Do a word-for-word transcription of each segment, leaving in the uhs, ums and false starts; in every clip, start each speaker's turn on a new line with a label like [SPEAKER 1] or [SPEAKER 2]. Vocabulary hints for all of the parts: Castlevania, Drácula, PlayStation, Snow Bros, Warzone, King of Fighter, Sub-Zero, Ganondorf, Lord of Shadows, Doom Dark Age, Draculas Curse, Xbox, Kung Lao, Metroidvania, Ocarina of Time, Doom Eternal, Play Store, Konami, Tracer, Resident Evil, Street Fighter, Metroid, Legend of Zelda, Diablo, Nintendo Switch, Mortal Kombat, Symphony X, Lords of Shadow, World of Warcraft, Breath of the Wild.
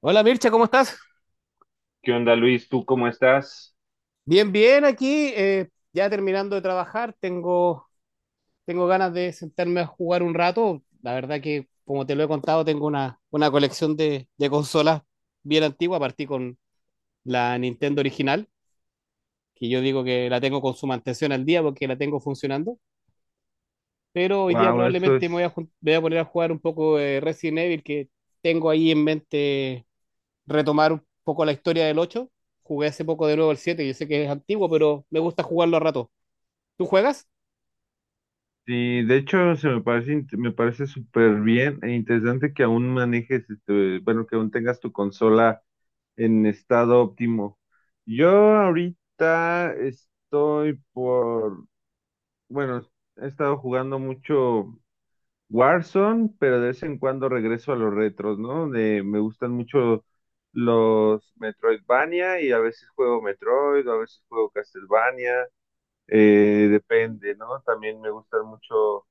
[SPEAKER 1] Hola Mircha, ¿cómo estás?
[SPEAKER 2] ¿Qué onda, Luis? ¿Tú cómo estás?
[SPEAKER 1] Bien, bien aquí, eh, ya terminando de trabajar, tengo, tengo ganas de sentarme a jugar un rato. La verdad que, como te lo he contado, tengo una, una colección de, de consolas bien antigua, partí con la Nintendo original, que yo digo que la tengo con su mantención al día porque la tengo funcionando, pero hoy día
[SPEAKER 2] Wow, eso
[SPEAKER 1] probablemente me voy a,
[SPEAKER 2] es.
[SPEAKER 1] jun- me voy a poner a jugar un poco de Resident Evil, que tengo ahí en mente retomar un poco la historia del ocho. Jugué hace poco de nuevo el siete, yo sé que es antiguo, pero me gusta jugarlo a rato. ¿Tú juegas?
[SPEAKER 2] Sí, de hecho, se me parece, int- me parece súper bien e interesante que aún manejes, este, bueno, que aún tengas tu consola en estado óptimo. Yo ahorita estoy por, bueno, he estado jugando mucho Warzone, pero de vez en cuando regreso a los retros, ¿no? De, me gustan mucho los Metroidvania y a veces juego Metroid, a veces juego Castlevania. Eh, depende, ¿no? También me gustan mucho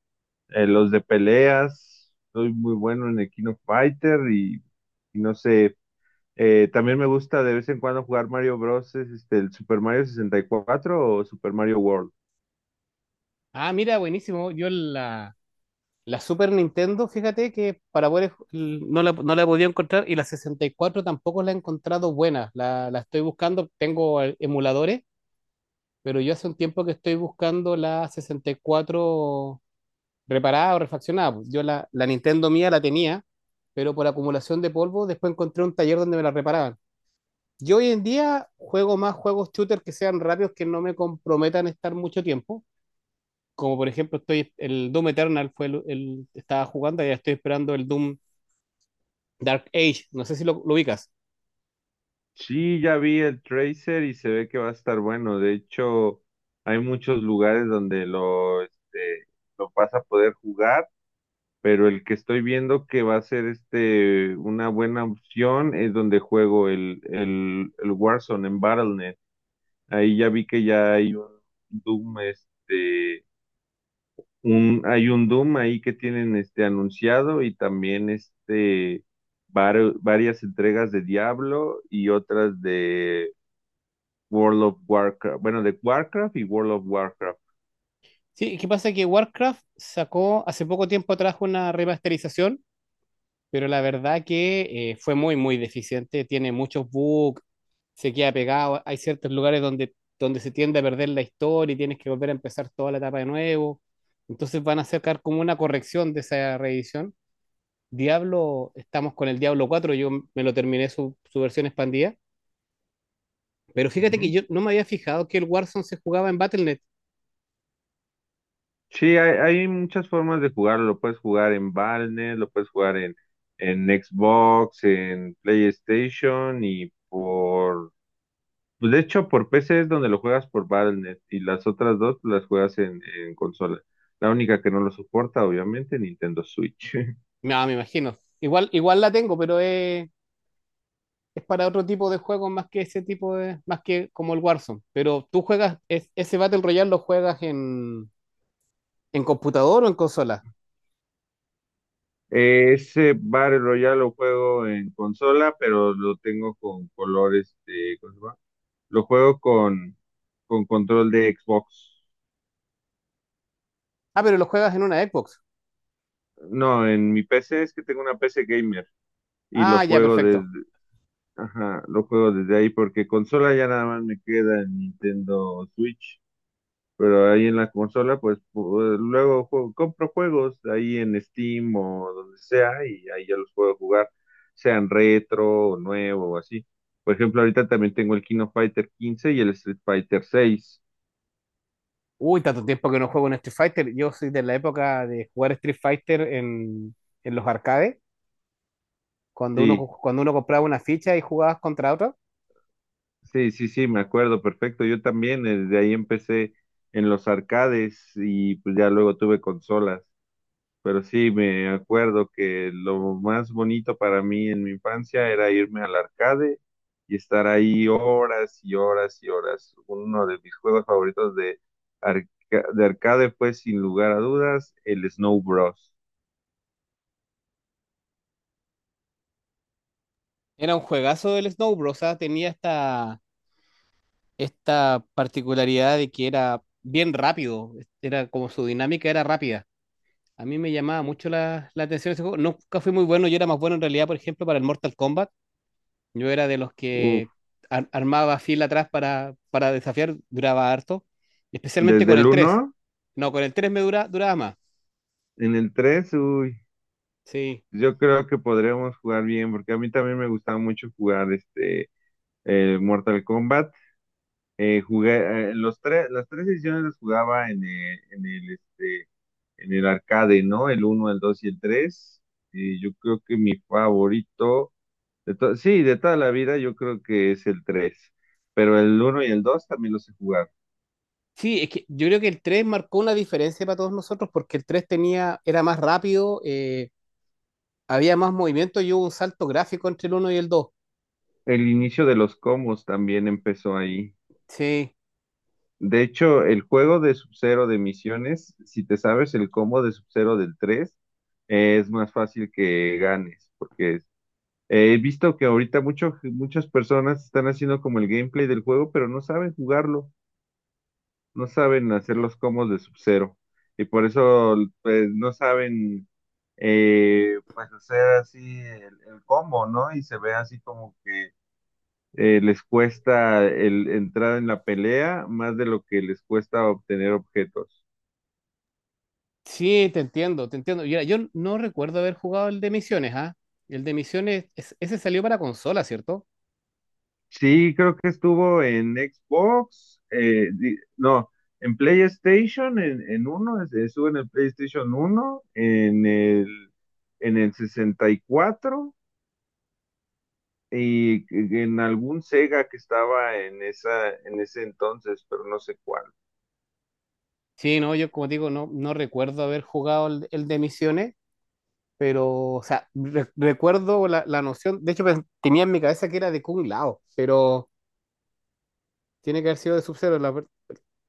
[SPEAKER 2] eh, los de peleas. Soy muy bueno en el King of Fighter y, y no sé. Eh, también me gusta de vez en cuando jugar Mario Bros. Es, Este, el Super Mario sesenta y cuatro o Super Mario World.
[SPEAKER 1] Ah, mira, buenísimo. Yo la, la Super Nintendo, fíjate que para poder, no la, no la he podido encontrar, y la sesenta y cuatro tampoco la he encontrado buena. La, la estoy buscando, tengo eh, emuladores, pero yo hace un tiempo que estoy buscando la sesenta y cuatro reparada o refaccionada. Pues yo la, la Nintendo mía la tenía, pero por acumulación de polvo después encontré un taller donde me la reparaban. Yo hoy en día juego más juegos shooter que sean rápidos, que no me comprometan a estar mucho tiempo. Como por ejemplo, estoy, el Doom Eternal fue el, el- estaba jugando y ya estoy esperando el Doom Dark Age. No sé si lo, lo ubicas.
[SPEAKER 2] Sí, ya vi el Tracer y se ve que va a estar bueno. De hecho, hay muchos lugares donde lo, este, lo vas a poder jugar. Pero el que estoy viendo que va a ser este una buena opción es donde juego el, el, el Warzone en battle punto net. Ahí ya vi que ya hay un Doom, este, un, hay un Doom ahí que tienen este anunciado y también este vari- varias entregas de Diablo y otras de World of Warcraft, bueno, de Warcraft y World of Warcraft.
[SPEAKER 1] Sí, ¿qué pasa? Que Warcraft sacó hace poco tiempo atrás una remasterización, pero la verdad que eh, fue muy, muy deficiente. Tiene muchos bugs, se queda pegado. Hay ciertos lugares donde, donde se tiende a perder la historia y tienes que volver a empezar toda la etapa de nuevo. Entonces van a sacar como una corrección de esa reedición. Diablo, estamos con el Diablo cuatro, yo me lo terminé su, su versión expandida. Pero fíjate que
[SPEAKER 2] Ujú.
[SPEAKER 1] yo no me había fijado que el Warzone se jugaba en battle punto net.
[SPEAKER 2] Sí, hay, hay muchas formas de jugarlo. Lo puedes jugar en Valnet, lo puedes jugar en, en Xbox, en PlayStation y por... pues, De hecho, por P C es donde lo juegas por Valnet y las otras dos las juegas en, en consola. La única que no lo soporta, obviamente, Nintendo Switch.
[SPEAKER 1] No, me imagino. Igual, igual la tengo, pero es, es para otro tipo de juegos, más que ese tipo de, más que como el Warzone. Pero tú juegas, es- ese Battle Royale lo juegas en, en computador o en consola.
[SPEAKER 2] Ese Battle Royale lo juego en consola, pero lo tengo con colores de... ¿Cómo se llama? Lo juego con, con control de Xbox.
[SPEAKER 1] Ah, pero lo juegas en una Xbox.
[SPEAKER 2] No, en mi P C es que tengo una P C gamer y lo
[SPEAKER 1] Ah, ya,
[SPEAKER 2] juego desde,
[SPEAKER 1] perfecto.
[SPEAKER 2] ajá, lo juego desde ahí porque consola ya nada más me queda en Nintendo Switch, pero ahí en la consola pues pu- luego juego- compro juegos ahí en Steam o donde sea y ahí ya los puedo jugar, sean retro o nuevo o así. Por ejemplo, ahorita también tengo el Kino Fighter quince y el Street Fighter seis.
[SPEAKER 1] Uy, tanto tiempo que no juego en Street Fighter. Yo soy de la época de jugar Street Fighter en, en los arcades, cuando uno,
[SPEAKER 2] Sí,
[SPEAKER 1] cuando uno compraba una ficha y jugabas contra otra.
[SPEAKER 2] Sí, sí, sí, me acuerdo perfecto. Yo también, eh, desde ahí empecé en los arcades y pues ya luego tuve consolas. Pero sí, me acuerdo que lo más bonito para mí en mi infancia era irme al arcade y estar ahí horas y horas y horas. Uno de mis juegos favoritos de, arca- de arcade fue, sin lugar a dudas, el Snow Bros.
[SPEAKER 1] Era un juegazo del Snow Bros. O sea, tenía hasta esta particularidad de que era bien rápido, era como su dinámica era rápida. A mí me llamaba mucho la, la atención ese juego. Nunca fui muy bueno, yo era más bueno en realidad, por ejemplo, para el Mortal Kombat. Yo era de los
[SPEAKER 2] Uf,
[SPEAKER 1] que ar- armaba fila atrás para, para desafiar, duraba harto, especialmente
[SPEAKER 2] desde
[SPEAKER 1] con
[SPEAKER 2] el
[SPEAKER 1] el tres.
[SPEAKER 2] uno,
[SPEAKER 1] No, con el tres me dura, duraba más.
[SPEAKER 2] en el tres,
[SPEAKER 1] Sí.
[SPEAKER 2] yo creo que podríamos jugar bien, porque a mí también me gustaba mucho jugar este el Mortal Kombat. Eh, jugué eh, los tres, las tres ediciones las jugaba en el, en el este en el arcade, ¿no? El uno, el dos y el tres. Y yo creo que mi favorito de to- sí, de toda la vida yo creo que es el tres, pero el uno y el dos también los he jugado.
[SPEAKER 1] Sí, es que yo creo que el tres marcó una diferencia para todos nosotros porque el tres tenía, era más rápido, eh, había más movimiento y hubo un salto gráfico entre el uno y el dos.
[SPEAKER 2] El inicio de los combos también empezó ahí.
[SPEAKER 1] Sí,
[SPEAKER 2] De hecho, el juego de Sub-Zero de misiones, si te sabes el combo de Sub-Zero del tres, eh, es más fácil que ganes, porque eh, he visto que ahorita mucho- muchas personas están haciendo como el gameplay del juego, pero no saben jugarlo, no saben hacer los combos de Sub-Zero, y por eso pues no saben eh, pues hacer así el, el combo, ¿no? Y se ve así como que eh, les cuesta el entrar en la pelea más de lo que les cuesta obtener objetos.
[SPEAKER 1] sí, te entiendo, te entiendo. Mira, yo no recuerdo haber jugado el de Misiones, ¿ah? El de Misiones, es- ese salió para consola, ¿cierto?
[SPEAKER 2] Sí, creo que estuvo en Xbox, eh, di- no, en PlayStation, en, en uno, es- estuvo en el PlayStation uno, en el, en el sesenta y cuatro y en algún Sega que estaba en esa, en ese entonces, pero no sé cuál.
[SPEAKER 1] Sí, no, yo como digo, no, no recuerdo haber jugado el, el de Misiones, pero, o sea, re- recuerdo la, la noción, de hecho pen- tenía en mi cabeza que era de Kung Lao, pero tiene que haber sido de Sub-Zero, la ver-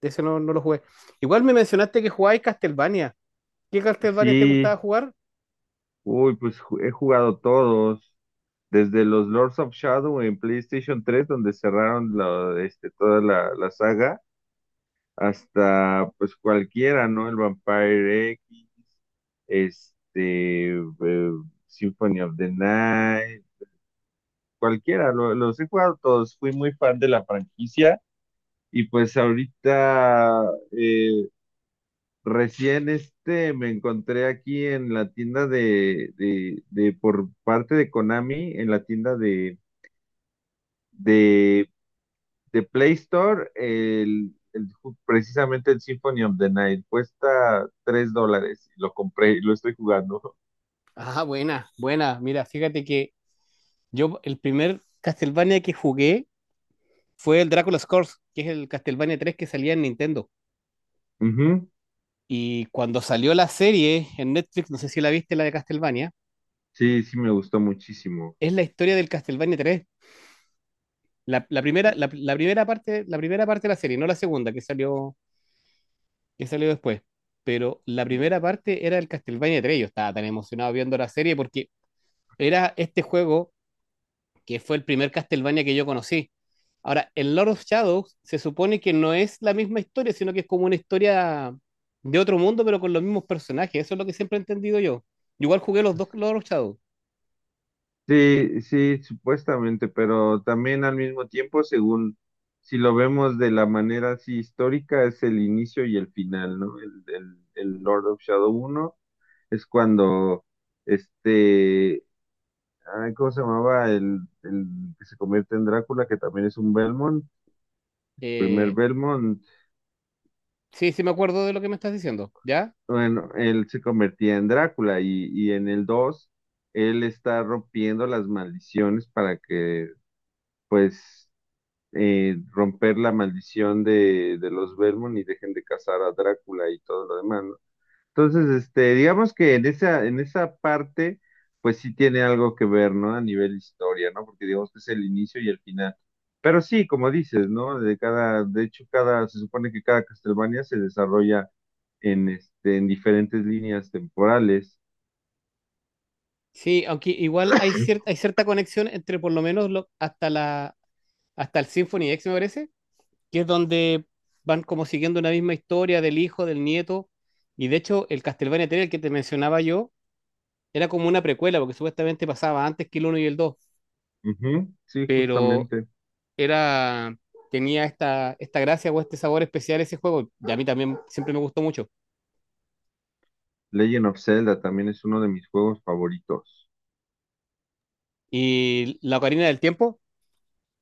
[SPEAKER 1] de ese no, no lo jugué. Igual me mencionaste que jugabais Castlevania. ¿Qué Castlevania te gustaba
[SPEAKER 2] Sí.
[SPEAKER 1] jugar?
[SPEAKER 2] Uy, pues ju- he jugado todos, desde los Lords of Shadow en PlayStation tres donde cerraron la- este, toda la, la saga, hasta pues cualquiera, ¿no? El Vampire X, este, eh, Symphony of the Night, cualquiera, lo- los he jugado todos, fui muy fan de la franquicia y pues ahorita, eh, recién este me encontré aquí en la tienda de, de, de por parte de Konami, en la tienda de, de, de Play Store, el, el ju- precisamente el Symphony of the Night. Cuesta tres dólares. Lo compré y lo estoy jugando.
[SPEAKER 1] Ah, buena, buena. Mira, fíjate que yo el primer Castlevania que jugué fue el Draculas Curse, que es el Castlevania tres, que salía en Nintendo.
[SPEAKER 2] Ujú.
[SPEAKER 1] Y cuando salió la serie en Netflix, no sé si la viste, la de Castlevania,
[SPEAKER 2] Sí, sí me gustó muchísimo.
[SPEAKER 1] es la historia del Castlevania tres. La, la primera, la, la primera parte, la primera parte de la serie, no la segunda que salió, que salió después. Pero la primera parte era el Castlevania tres. Yo estaba tan emocionado viendo la serie porque era este juego que fue el primer Castlevania que yo conocí. Ahora, el Lord of Shadows se supone que no es la misma historia, sino que es como una historia de otro mundo, pero con los mismos personajes. Eso es lo que siempre he entendido yo. Yo igual jugué los dos Lord of Shadows.
[SPEAKER 2] Sí, sí, supuestamente, pero también al mismo tiempo, según si lo vemos de la manera así histórica, es el inicio y el final, ¿no? El, el, el Lord of Shadow uno es cuando este, ay, ¿cómo se llamaba? El, el que se convierte en Drácula, que también es un Belmont, primer
[SPEAKER 1] Eh,
[SPEAKER 2] Belmont,
[SPEAKER 1] sí, sí me acuerdo de lo que me estás diciendo, ¿ya?
[SPEAKER 2] bueno, él se convertía en Drácula, y, y en el dos él está rompiendo las maldiciones para que, pues, eh, romper la maldición de, de los Belmont y dejen de cazar a Drácula y todo lo demás, ¿no? Entonces, este, digamos que en esa, en esa parte, pues sí tiene algo que ver, ¿no? A nivel historia, ¿no? Porque digamos que es el inicio y el final. Pero sí, como dices, ¿no? De cada, de hecho, cada, se supone que cada Castlevania se desarrolla en este, en diferentes líneas temporales.
[SPEAKER 1] Sí, aunque igual hay cierta, hay cierta conexión entre por lo menos lo hasta, la, hasta el Symphony X, me parece, que es donde van como siguiendo una misma historia del hijo, del nieto. Y de hecho, el Castlevania tres, el que te mencionaba yo, era como una precuela, porque supuestamente pasaba antes que el uno y el dos,
[SPEAKER 2] Ujú, sí,
[SPEAKER 1] pero
[SPEAKER 2] justamente.
[SPEAKER 1] era, tenía esta, esta gracia o este sabor especial ese juego, y a mí también siempre me gustó mucho.
[SPEAKER 2] Legend of Zelda también es uno de mis juegos favoritos.
[SPEAKER 1] Y la Ocarina del Tiempo,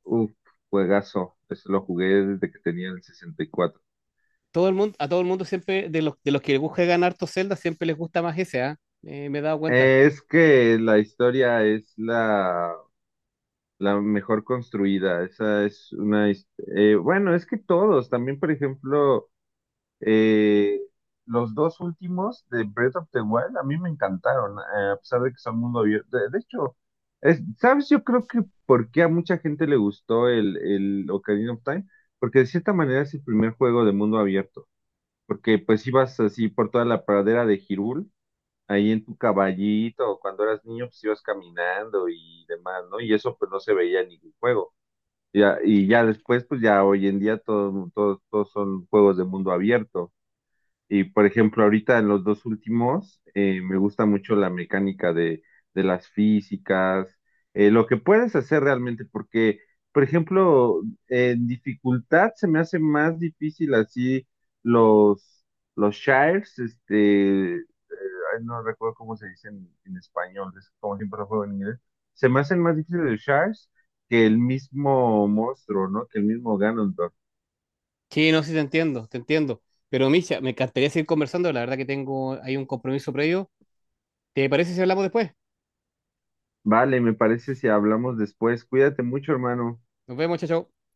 [SPEAKER 2] Uf, juegazo. Eso lo jugué desde que tenía el sesenta y cuatro.
[SPEAKER 1] todo el mundo, a todo el mundo siempre, de los, de los que buscan harto Zelda, siempre les gusta más ese, ¿ah? Eh, me he dado cuenta.
[SPEAKER 2] Eh, es que la historia es la, la mejor construida. Esa es una... his- eh, bueno, es que todos. También, por ejemplo, eh, los dos últimos de Breath of the Wild a mí me encantaron, eh, a pesar de que son mundo abierto. De, de hecho, es- ¿sabes? Yo creo que porque a mucha gente le gustó el, el Ocarina of Time, porque de cierta manera es el primer juego de mundo abierto. Porque pues ibas así por toda la pradera de Girul, ahí en tu caballito, o cuando eras niño, pues ibas caminando y demás, ¿no? Y eso pues no se veía en ningún juego. Ya, y ya después, pues ya hoy en día todo, todo- todos son juegos de mundo abierto. Y por ejemplo, ahorita en los dos últimos, eh, me gusta mucho la mecánica de, de las físicas, eh, lo que puedes hacer realmente, porque, por ejemplo, en dificultad se me hace más difícil así los, los shires, este, ay, no recuerdo cómo se dice en, en español, es como siempre lo juego en inglés, se me hacen más difíciles los shires que el mismo monstruo, ¿no? Que el mismo Ganondorf.
[SPEAKER 1] Sí, no, sí te entiendo, te entiendo. Pero Misha, me encantaría seguir conversando, la verdad que tengo ahí un compromiso previo. ¿Te parece si hablamos después?
[SPEAKER 2] Vale, me parece si hablamos después. Cuídate mucho, hermano.
[SPEAKER 1] Nos vemos, chao, chao.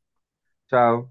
[SPEAKER 2] Chao.